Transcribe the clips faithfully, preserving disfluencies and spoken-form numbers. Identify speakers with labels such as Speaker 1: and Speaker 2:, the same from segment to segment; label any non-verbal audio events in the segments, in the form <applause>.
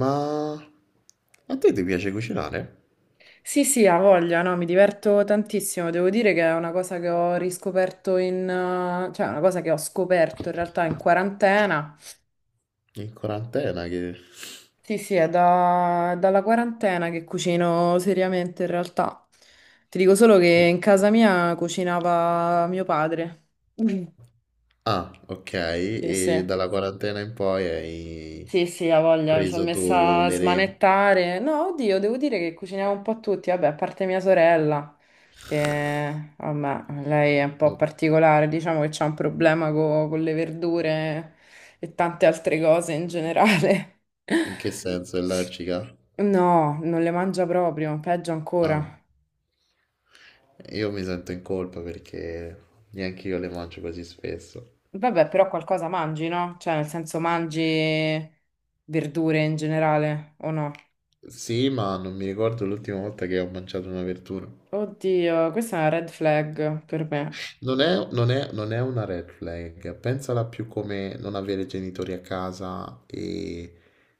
Speaker 1: Ma a te ti piace cucinare?
Speaker 2: Sì, sì, ha voglia, no, mi diverto tantissimo. Devo dire che è una cosa che ho riscoperto in, eh, cioè una cosa che ho scoperto in realtà in quarantena.
Speaker 1: In quarantena che.
Speaker 2: Sì, sì, è da- dalla quarantena che cucino seriamente in realtà. Ti dico solo che
Speaker 1: Sì.
Speaker 2: in casa mia cucinava mio padre. <laughs>
Speaker 1: Ah, ok,
Speaker 2: Sì,
Speaker 1: e
Speaker 2: sì.
Speaker 1: dalla quarantena in poi hai
Speaker 2: Sì, sì, ha voglia, mi sono
Speaker 1: preso tu
Speaker 2: messa a
Speaker 1: le reni.
Speaker 2: smanettare. No, oddio, devo dire che cuciniamo un po' tutti, vabbè, a parte mia sorella, che vabbè, lei è un po'
Speaker 1: No.
Speaker 2: particolare, diciamo che c'ha un problema co- con le verdure e tante altre cose in generale.
Speaker 1: In che
Speaker 2: <laughs>
Speaker 1: senso? È allergica?
Speaker 2: No, non le mangia proprio, peggio ancora.
Speaker 1: Ah, io mi sento in colpa perché neanche io le mangio così spesso.
Speaker 2: Vabbè, però qualcosa mangi, no? Cioè, nel senso mangi verdure in generale o no?
Speaker 1: Sì, ma non mi ricordo l'ultima volta che ho mangiato una verdura.
Speaker 2: Oddio, questa è una red flag per me.
Speaker 1: Non è, non è- non è una red flag, pensala più come non avere genitori a casa e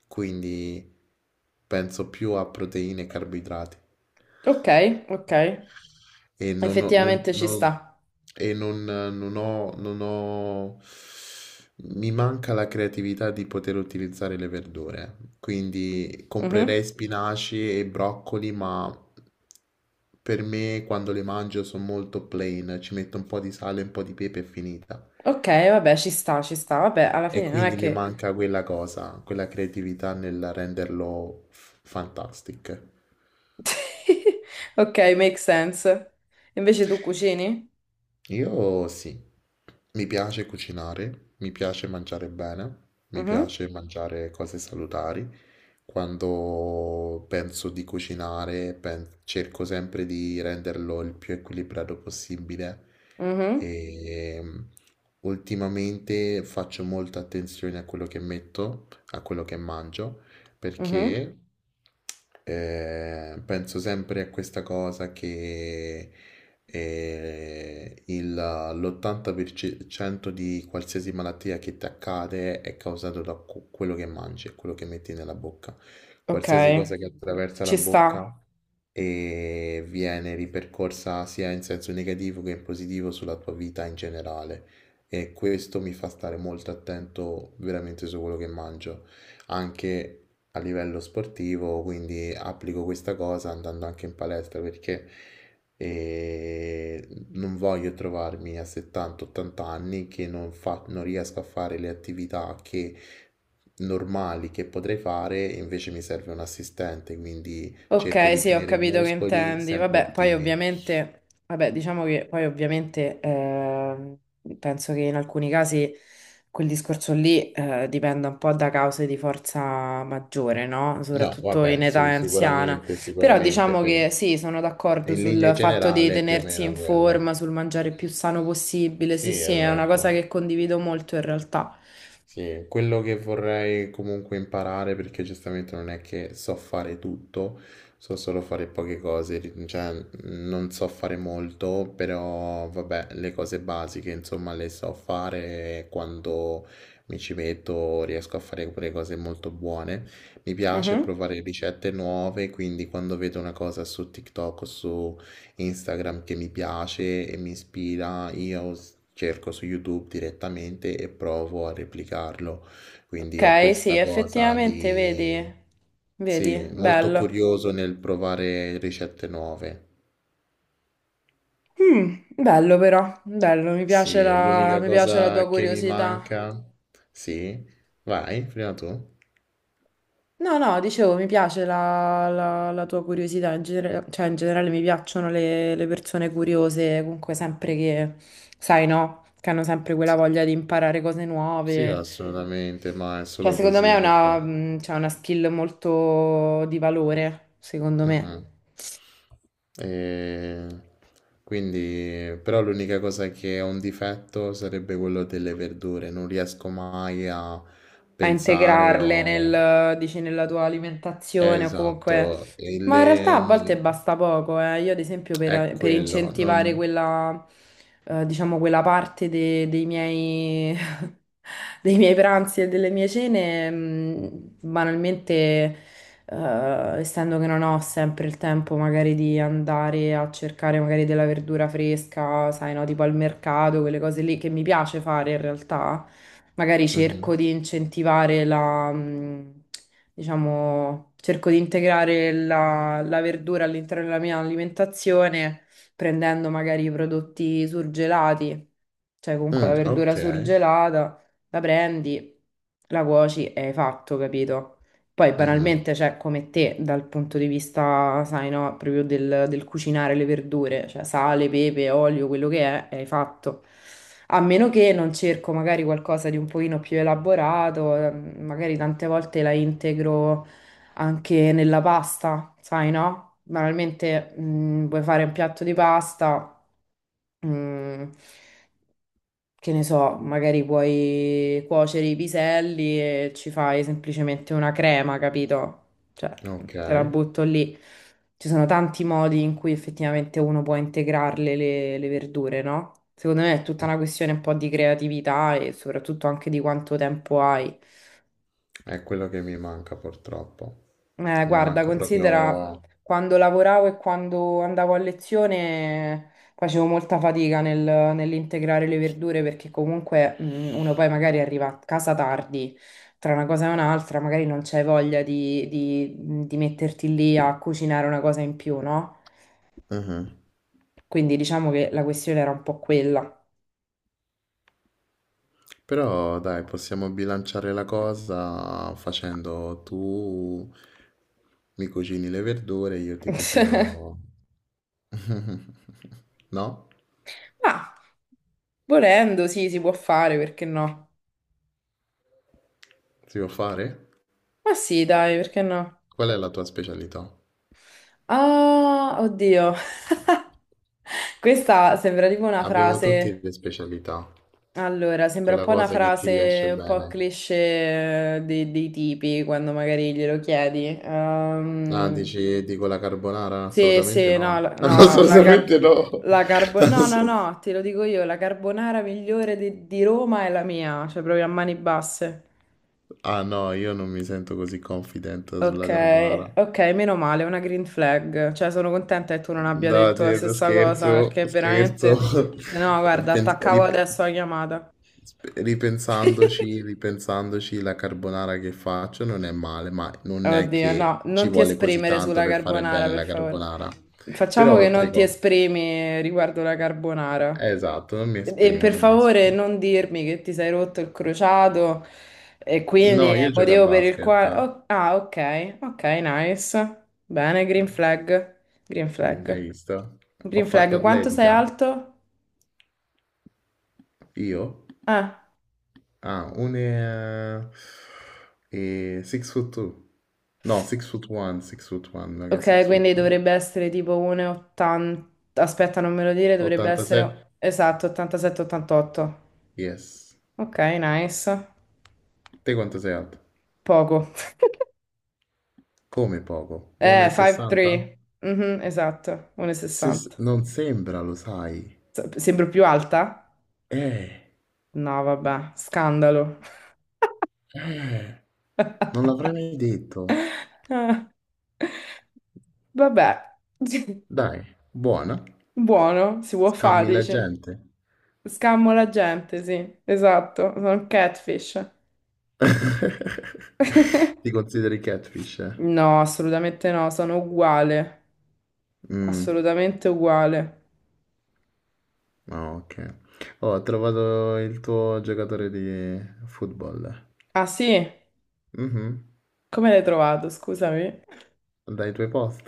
Speaker 1: quindi penso più a proteine e carboidrati
Speaker 2: Ok, ok.
Speaker 1: e non ho, non-
Speaker 2: Effettivamente ci
Speaker 1: non-
Speaker 2: sta.
Speaker 1: e non- non ho- non ho- mi manca la creatività di poter utilizzare le verdure, quindi
Speaker 2: Mhm.
Speaker 1: comprerei spinaci e broccoli, ma per me quando le mangio sono molto plain, ci metto un po' di sale, un po' di pepe e finita.
Speaker 2: Ok, vabbè, ci sta, ci sta. Vabbè, alla
Speaker 1: E
Speaker 2: fine non è
Speaker 1: quindi mi
Speaker 2: che...
Speaker 1: manca quella cosa, quella creatività nel renderlo f- fantastic.
Speaker 2: <laughs> Ok, make sense. Invece tu cucini?
Speaker 1: Io sì, mi piace cucinare, mi piace mangiare bene, mi
Speaker 2: Mhm,
Speaker 1: piace mangiare cose salutari. Quando penso di cucinare, pen- cerco sempre di renderlo il più equilibrato possibile
Speaker 2: mhm,
Speaker 1: e mm, ultimamente faccio molta attenzione a quello che metto, a quello che mangio,
Speaker 2: mhm.
Speaker 1: perché eh, penso sempre a questa cosa che e il- l'ottanta per cento di qualsiasi malattia che ti accade è causato da cu- quello che mangi e quello che metti nella bocca.
Speaker 2: Ok,
Speaker 1: Qualsiasi cosa che attraversa la
Speaker 2: ci
Speaker 1: bocca
Speaker 2: sta.
Speaker 1: e viene ripercorsa sia in senso negativo che in positivo sulla tua vita in generale. E questo mi fa stare molto attento veramente su quello che mangio, anche a livello sportivo, quindi applico questa cosa andando anche in palestra perché eh, non voglio trovarmi a settanta ottanta anni che non, fa- non riesco a fare le attività che, normali che potrei fare, invece mi serve un assistente, quindi cerco
Speaker 2: Ok,
Speaker 1: di
Speaker 2: sì, ho
Speaker 1: tenere i
Speaker 2: capito che
Speaker 1: muscoli
Speaker 2: intendi.
Speaker 1: sempre
Speaker 2: Vabbè, poi
Speaker 1: attivi.
Speaker 2: ovviamente, vabbè, diciamo che poi ovviamente ehm, penso che in alcuni casi quel discorso lì eh, dipenda un po' da cause di forza maggiore, no?
Speaker 1: No,
Speaker 2: Soprattutto in
Speaker 1: vabbè,
Speaker 2: età
Speaker 1: su-
Speaker 2: anziana.
Speaker 1: sicuramente,
Speaker 2: Però
Speaker 1: sicuramente,
Speaker 2: diciamo
Speaker 1: però
Speaker 2: che sì, sono d'accordo
Speaker 1: in linea
Speaker 2: sul fatto di
Speaker 1: generale è più o
Speaker 2: tenersi
Speaker 1: meno
Speaker 2: in
Speaker 1: quello.
Speaker 2: forma, sul mangiare più sano possibile. Sì,
Speaker 1: Sì,
Speaker 2: sì, è una cosa
Speaker 1: esatto.
Speaker 2: che condivido molto in realtà.
Speaker 1: Sì, quello che vorrei comunque imparare, perché giustamente non è che so fare tutto, so solo fare poche cose, ri- cioè non so fare molto, però vabbè, le cose basiche insomma le so fare e quando mi ci metto riesco a fare pure cose molto buone. Mi piace
Speaker 2: Mhm.
Speaker 1: provare ricette nuove, quindi quando vedo una cosa su TikTok o su Instagram che mi piace e mi ispira, io s- cerco su YouTube direttamente e provo a replicarlo. Quindi ho
Speaker 2: Ok, sì,
Speaker 1: questa cosa
Speaker 2: effettivamente, vedi,
Speaker 1: di.
Speaker 2: vedi,
Speaker 1: Sì, molto
Speaker 2: bello.
Speaker 1: curioso nel provare ricette nuove.
Speaker 2: Mm, bello però, bello, mi piace
Speaker 1: Sì,
Speaker 2: la,
Speaker 1: l'unica
Speaker 2: mi piace la tua
Speaker 1: cosa che mi
Speaker 2: curiosità.
Speaker 1: manca. Sì, vai, prima tu.
Speaker 2: No, no, dicevo, mi piace la, la- la tua curiosità, in genere- cioè in generale mi piacciono le, le persone curiose, comunque sempre che, sai, no, che hanno sempre quella voglia di imparare cose
Speaker 1: Sì,
Speaker 2: nuove.
Speaker 1: assolutamente, ma è
Speaker 2: Cioè,
Speaker 1: solo
Speaker 2: secondo me è
Speaker 1: così che
Speaker 2: una,
Speaker 1: poi.
Speaker 2: mm, cioè, una skill molto di valore, secondo
Speaker 1: Mh-mh.
Speaker 2: me.
Speaker 1: Ehm, quindi però l'unica cosa che è un difetto sarebbe quello delle verdure, non riesco mai a
Speaker 2: A
Speaker 1: pensare
Speaker 2: integrarle
Speaker 1: o,
Speaker 2: nel, dici, nella tua alimentazione o
Speaker 1: esatto,
Speaker 2: comunque...
Speaker 1: e
Speaker 2: Ma in realtà a
Speaker 1: le mi,
Speaker 2: volte basta poco, eh. Io ad esempio
Speaker 1: è
Speaker 2: per, per
Speaker 1: quello,
Speaker 2: incentivare
Speaker 1: non,
Speaker 2: quella, eh, diciamo, quella parte de- dei miei, <laughs> dei miei pranzi e delle mie cene, mh, banalmente, eh, essendo che non ho sempre il tempo magari di andare a cercare magari della verdura fresca, sai, no, tipo al mercato, quelle cose lì che mi piace fare in realtà magari
Speaker 1: mh-mh.
Speaker 2: cerco di incentivare la, mh, diciamo, cerco di integrare la, la verdura all'interno della mia alimentazione prendendo magari i prodotti surgelati, cioè comunque la
Speaker 1: Mh,
Speaker 2: verdura
Speaker 1: okay.
Speaker 2: surgelata, la prendi, la cuoci e hai fatto, capito? Poi
Speaker 1: Mh-mh.
Speaker 2: banalmente, cioè, come te, dal punto di vista, sai, no, proprio del, del cucinare le verdure, cioè sale, pepe, olio, quello che è, e hai fatto. A meno che non cerco magari qualcosa di un pochino più elaborato, eh, magari tante volte la integro anche nella pasta, sai, no? Banalmente, mm, puoi fare un piatto di pasta, mm, che ne so, magari puoi cuocere i piselli e ci fai semplicemente una crema, capito? Cioè, te la
Speaker 1: Okay.
Speaker 2: butto lì. Ci sono tanti modi in cui effettivamente uno può integrarle le, le verdure, no? Secondo me è tutta
Speaker 1: Mh,
Speaker 2: una questione un po' di creatività e soprattutto anche di quanto tempo hai.
Speaker 1: è quello che mi manca purtroppo.
Speaker 2: Eh,
Speaker 1: Mi
Speaker 2: guarda,
Speaker 1: manca
Speaker 2: considera
Speaker 1: proprio.
Speaker 2: quando lavoravo e quando andavo a lezione facevo molta fatica nel- nell'integrare le verdure perché comunque mh, uno poi magari arriva a casa tardi, tra una cosa e un'altra, magari non c'hai voglia di, di- di metterti lì a cucinare una cosa in più, no?
Speaker 1: Mh-mh.
Speaker 2: Quindi diciamo che la questione era un po' quella.
Speaker 1: Però dai, possiamo bilanciare la cosa facendo tu mi cucini le verdure, io ti
Speaker 2: <laughs>
Speaker 1: cucino. <laughs> No?
Speaker 2: Ma volendo, sì, si può fare, perché no?
Speaker 1: Si può fare?
Speaker 2: Ma sì, dai, perché no?
Speaker 1: Qual è la tua specialità?
Speaker 2: Ah, oddio. Questa sembra tipo una
Speaker 1: Abbiamo tutti
Speaker 2: frase.
Speaker 1: le specialità,
Speaker 2: Allora, sembra un
Speaker 1: quella
Speaker 2: po' una
Speaker 1: cosa che ti riesce
Speaker 2: frase un po'
Speaker 1: bene.
Speaker 2: cliché eh, dei, dei tipi quando magari glielo chiedi.
Speaker 1: Ah,
Speaker 2: Ehm,
Speaker 1: dici, dico la carbonara?
Speaker 2: sì,
Speaker 1: Assolutamente
Speaker 2: sì, no,
Speaker 1: no.
Speaker 2: la-
Speaker 1: <laughs>
Speaker 2: no, la car-
Speaker 1: Assolutamente no.
Speaker 2: la carbo- no,
Speaker 1: Ass-
Speaker 2: no, no, te lo dico io, la carbonara migliore di, di Roma è la mia, cioè proprio a mani basse.
Speaker 1: Ah no, io non mi sento così confident
Speaker 2: Ok,
Speaker 1: sulla carbonara.
Speaker 2: ok, meno male, una green flag. Cioè, sono contenta che tu non abbia
Speaker 1: No,
Speaker 2: detto la
Speaker 1: Tierno,
Speaker 2: stessa cosa,
Speaker 1: scherzo,
Speaker 2: perché
Speaker 1: scherzo.
Speaker 2: veramente...
Speaker 1: <laughs>
Speaker 2: No, guarda,
Speaker 1: Pens-
Speaker 2: attaccavo
Speaker 1: rip-
Speaker 2: adesso la chiamata.
Speaker 1: sp- ripensandoci,
Speaker 2: <laughs>
Speaker 1: ripensandoci, la carbonara che faccio non è male, ma non è
Speaker 2: Oddio,
Speaker 1: che
Speaker 2: no,
Speaker 1: ci
Speaker 2: non ti
Speaker 1: vuole così
Speaker 2: esprimere
Speaker 1: tanto
Speaker 2: sulla
Speaker 1: per fare
Speaker 2: carbonara,
Speaker 1: bene
Speaker 2: per
Speaker 1: la
Speaker 2: favore.
Speaker 1: carbonara.
Speaker 2: Facciamo
Speaker 1: Però
Speaker 2: che
Speaker 1: altre
Speaker 2: non ti
Speaker 1: cose.
Speaker 2: esprimi riguardo la carbonara.
Speaker 1: Esatto, non mi
Speaker 2: E
Speaker 1: esprimo,
Speaker 2: per
Speaker 1: non mi
Speaker 2: favore
Speaker 1: esprimo.
Speaker 2: non dirmi che ti sei rotto il crociato e quindi
Speaker 1: No,
Speaker 2: è il
Speaker 1: io gioco a
Speaker 2: motivo per il
Speaker 1: basket.
Speaker 2: quale... oh, ah, ok, ok, nice. Bene, green flag, green
Speaker 1: Eh,
Speaker 2: flag.
Speaker 1: Hai visto? Ho
Speaker 2: Green
Speaker 1: fatto
Speaker 2: flag, quanto sei
Speaker 1: atletica.
Speaker 2: alto?
Speaker 1: Io?
Speaker 2: Eh.
Speaker 1: Ah, uno è, è sei foot due. No, sei foot uno, sei foot uno, non che sei
Speaker 2: Ok,
Speaker 1: foot
Speaker 2: quindi
Speaker 1: due.
Speaker 2: dovrebbe essere tipo uno e ottanta. Aspetta, non me lo dire, dovrebbe
Speaker 1: ottantasette?
Speaker 2: essere esatto, ottantasette ottantotto.
Speaker 1: Yes.
Speaker 2: Ok, nice.
Speaker 1: Te quanto sei alto?
Speaker 2: Poco. <laughs>
Speaker 1: Come poco?
Speaker 2: Eh,
Speaker 1: uno e sessanta?
Speaker 2: five'three". Mhm, esatto,
Speaker 1: Se-
Speaker 2: uno e sessanta.
Speaker 1: non sembra, lo sai.
Speaker 2: Se- Sembro più alta?
Speaker 1: Eh,
Speaker 2: No, vabbè, scandalo.
Speaker 1: eh, Non l'avrei mai detto.
Speaker 2: <laughs> Vabbè, <laughs>
Speaker 1: Dai, buona.
Speaker 2: buono, si può
Speaker 1: Scammi
Speaker 2: fare,
Speaker 1: la
Speaker 2: dici.
Speaker 1: gente.
Speaker 2: Scammo la gente, sì, esatto, sono un catfish.
Speaker 1: <laughs> Ti
Speaker 2: <laughs>
Speaker 1: consideri catfish, eh?
Speaker 2: No, assolutamente no, sono uguale,
Speaker 1: Mm.
Speaker 2: assolutamente uguale.
Speaker 1: Ah, ok. Oh, ho trovato il tuo giocatore di football.
Speaker 2: Ah sì?
Speaker 1: Mhm.
Speaker 2: Come l'hai trovato? Scusami.
Speaker 1: Dai tuoi post.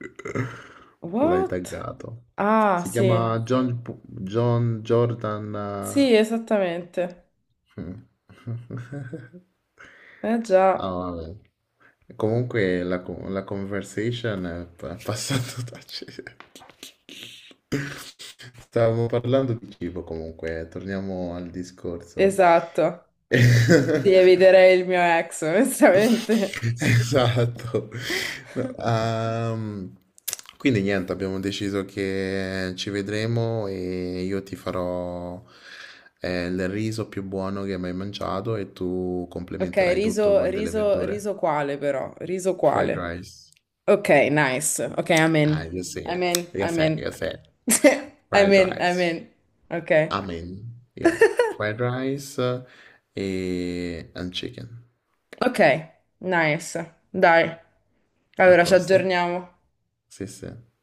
Speaker 1: <laughs> L'hai
Speaker 2: What?
Speaker 1: taggato.
Speaker 2: Ah
Speaker 1: Si
Speaker 2: sì,
Speaker 1: chiama John, P- John Jordan.
Speaker 2: sì, esattamente.
Speaker 1: Eh, mm. <laughs>
Speaker 2: Eh
Speaker 1: Ah,
Speaker 2: già,
Speaker 1: vabbè. Comunque la, co- la conversation è pa- passata da cena. <laughs> Stavamo parlando di cibo comunque, torniamo al discorso.
Speaker 2: esatto.
Speaker 1: <laughs>
Speaker 2: Sì, eviterei il mio ex, onestamente.
Speaker 1: Esatto. No,
Speaker 2: <laughs>
Speaker 1: ehm, quindi niente, abbiamo deciso che ci vedremo e io ti farò eh, il riso più buono che hai mai mangiato e tu
Speaker 2: Ok,
Speaker 1: complementerai tutto
Speaker 2: riso,
Speaker 1: con delle
Speaker 2: riso,
Speaker 1: verdure.
Speaker 2: riso quale però? Riso
Speaker 1: Fried
Speaker 2: quale?
Speaker 1: rice.
Speaker 2: Ok, nice. Ok, I'm
Speaker 1: Ah,
Speaker 2: in.
Speaker 1: io sì,
Speaker 2: I'm in,
Speaker 1: io
Speaker 2: I'm
Speaker 1: sì,
Speaker 2: in.
Speaker 1: io sì.
Speaker 2: <laughs> I'm
Speaker 1: Fried
Speaker 2: in, I'm
Speaker 1: rice.
Speaker 2: in. Ok.
Speaker 1: Amen. Yeah.
Speaker 2: <laughs>
Speaker 1: Fried rice e and chicken.
Speaker 2: Ok, nice. Dai,
Speaker 1: A
Speaker 2: allora ci
Speaker 1: posto?
Speaker 2: aggiorniamo.
Speaker 1: Sì, sì.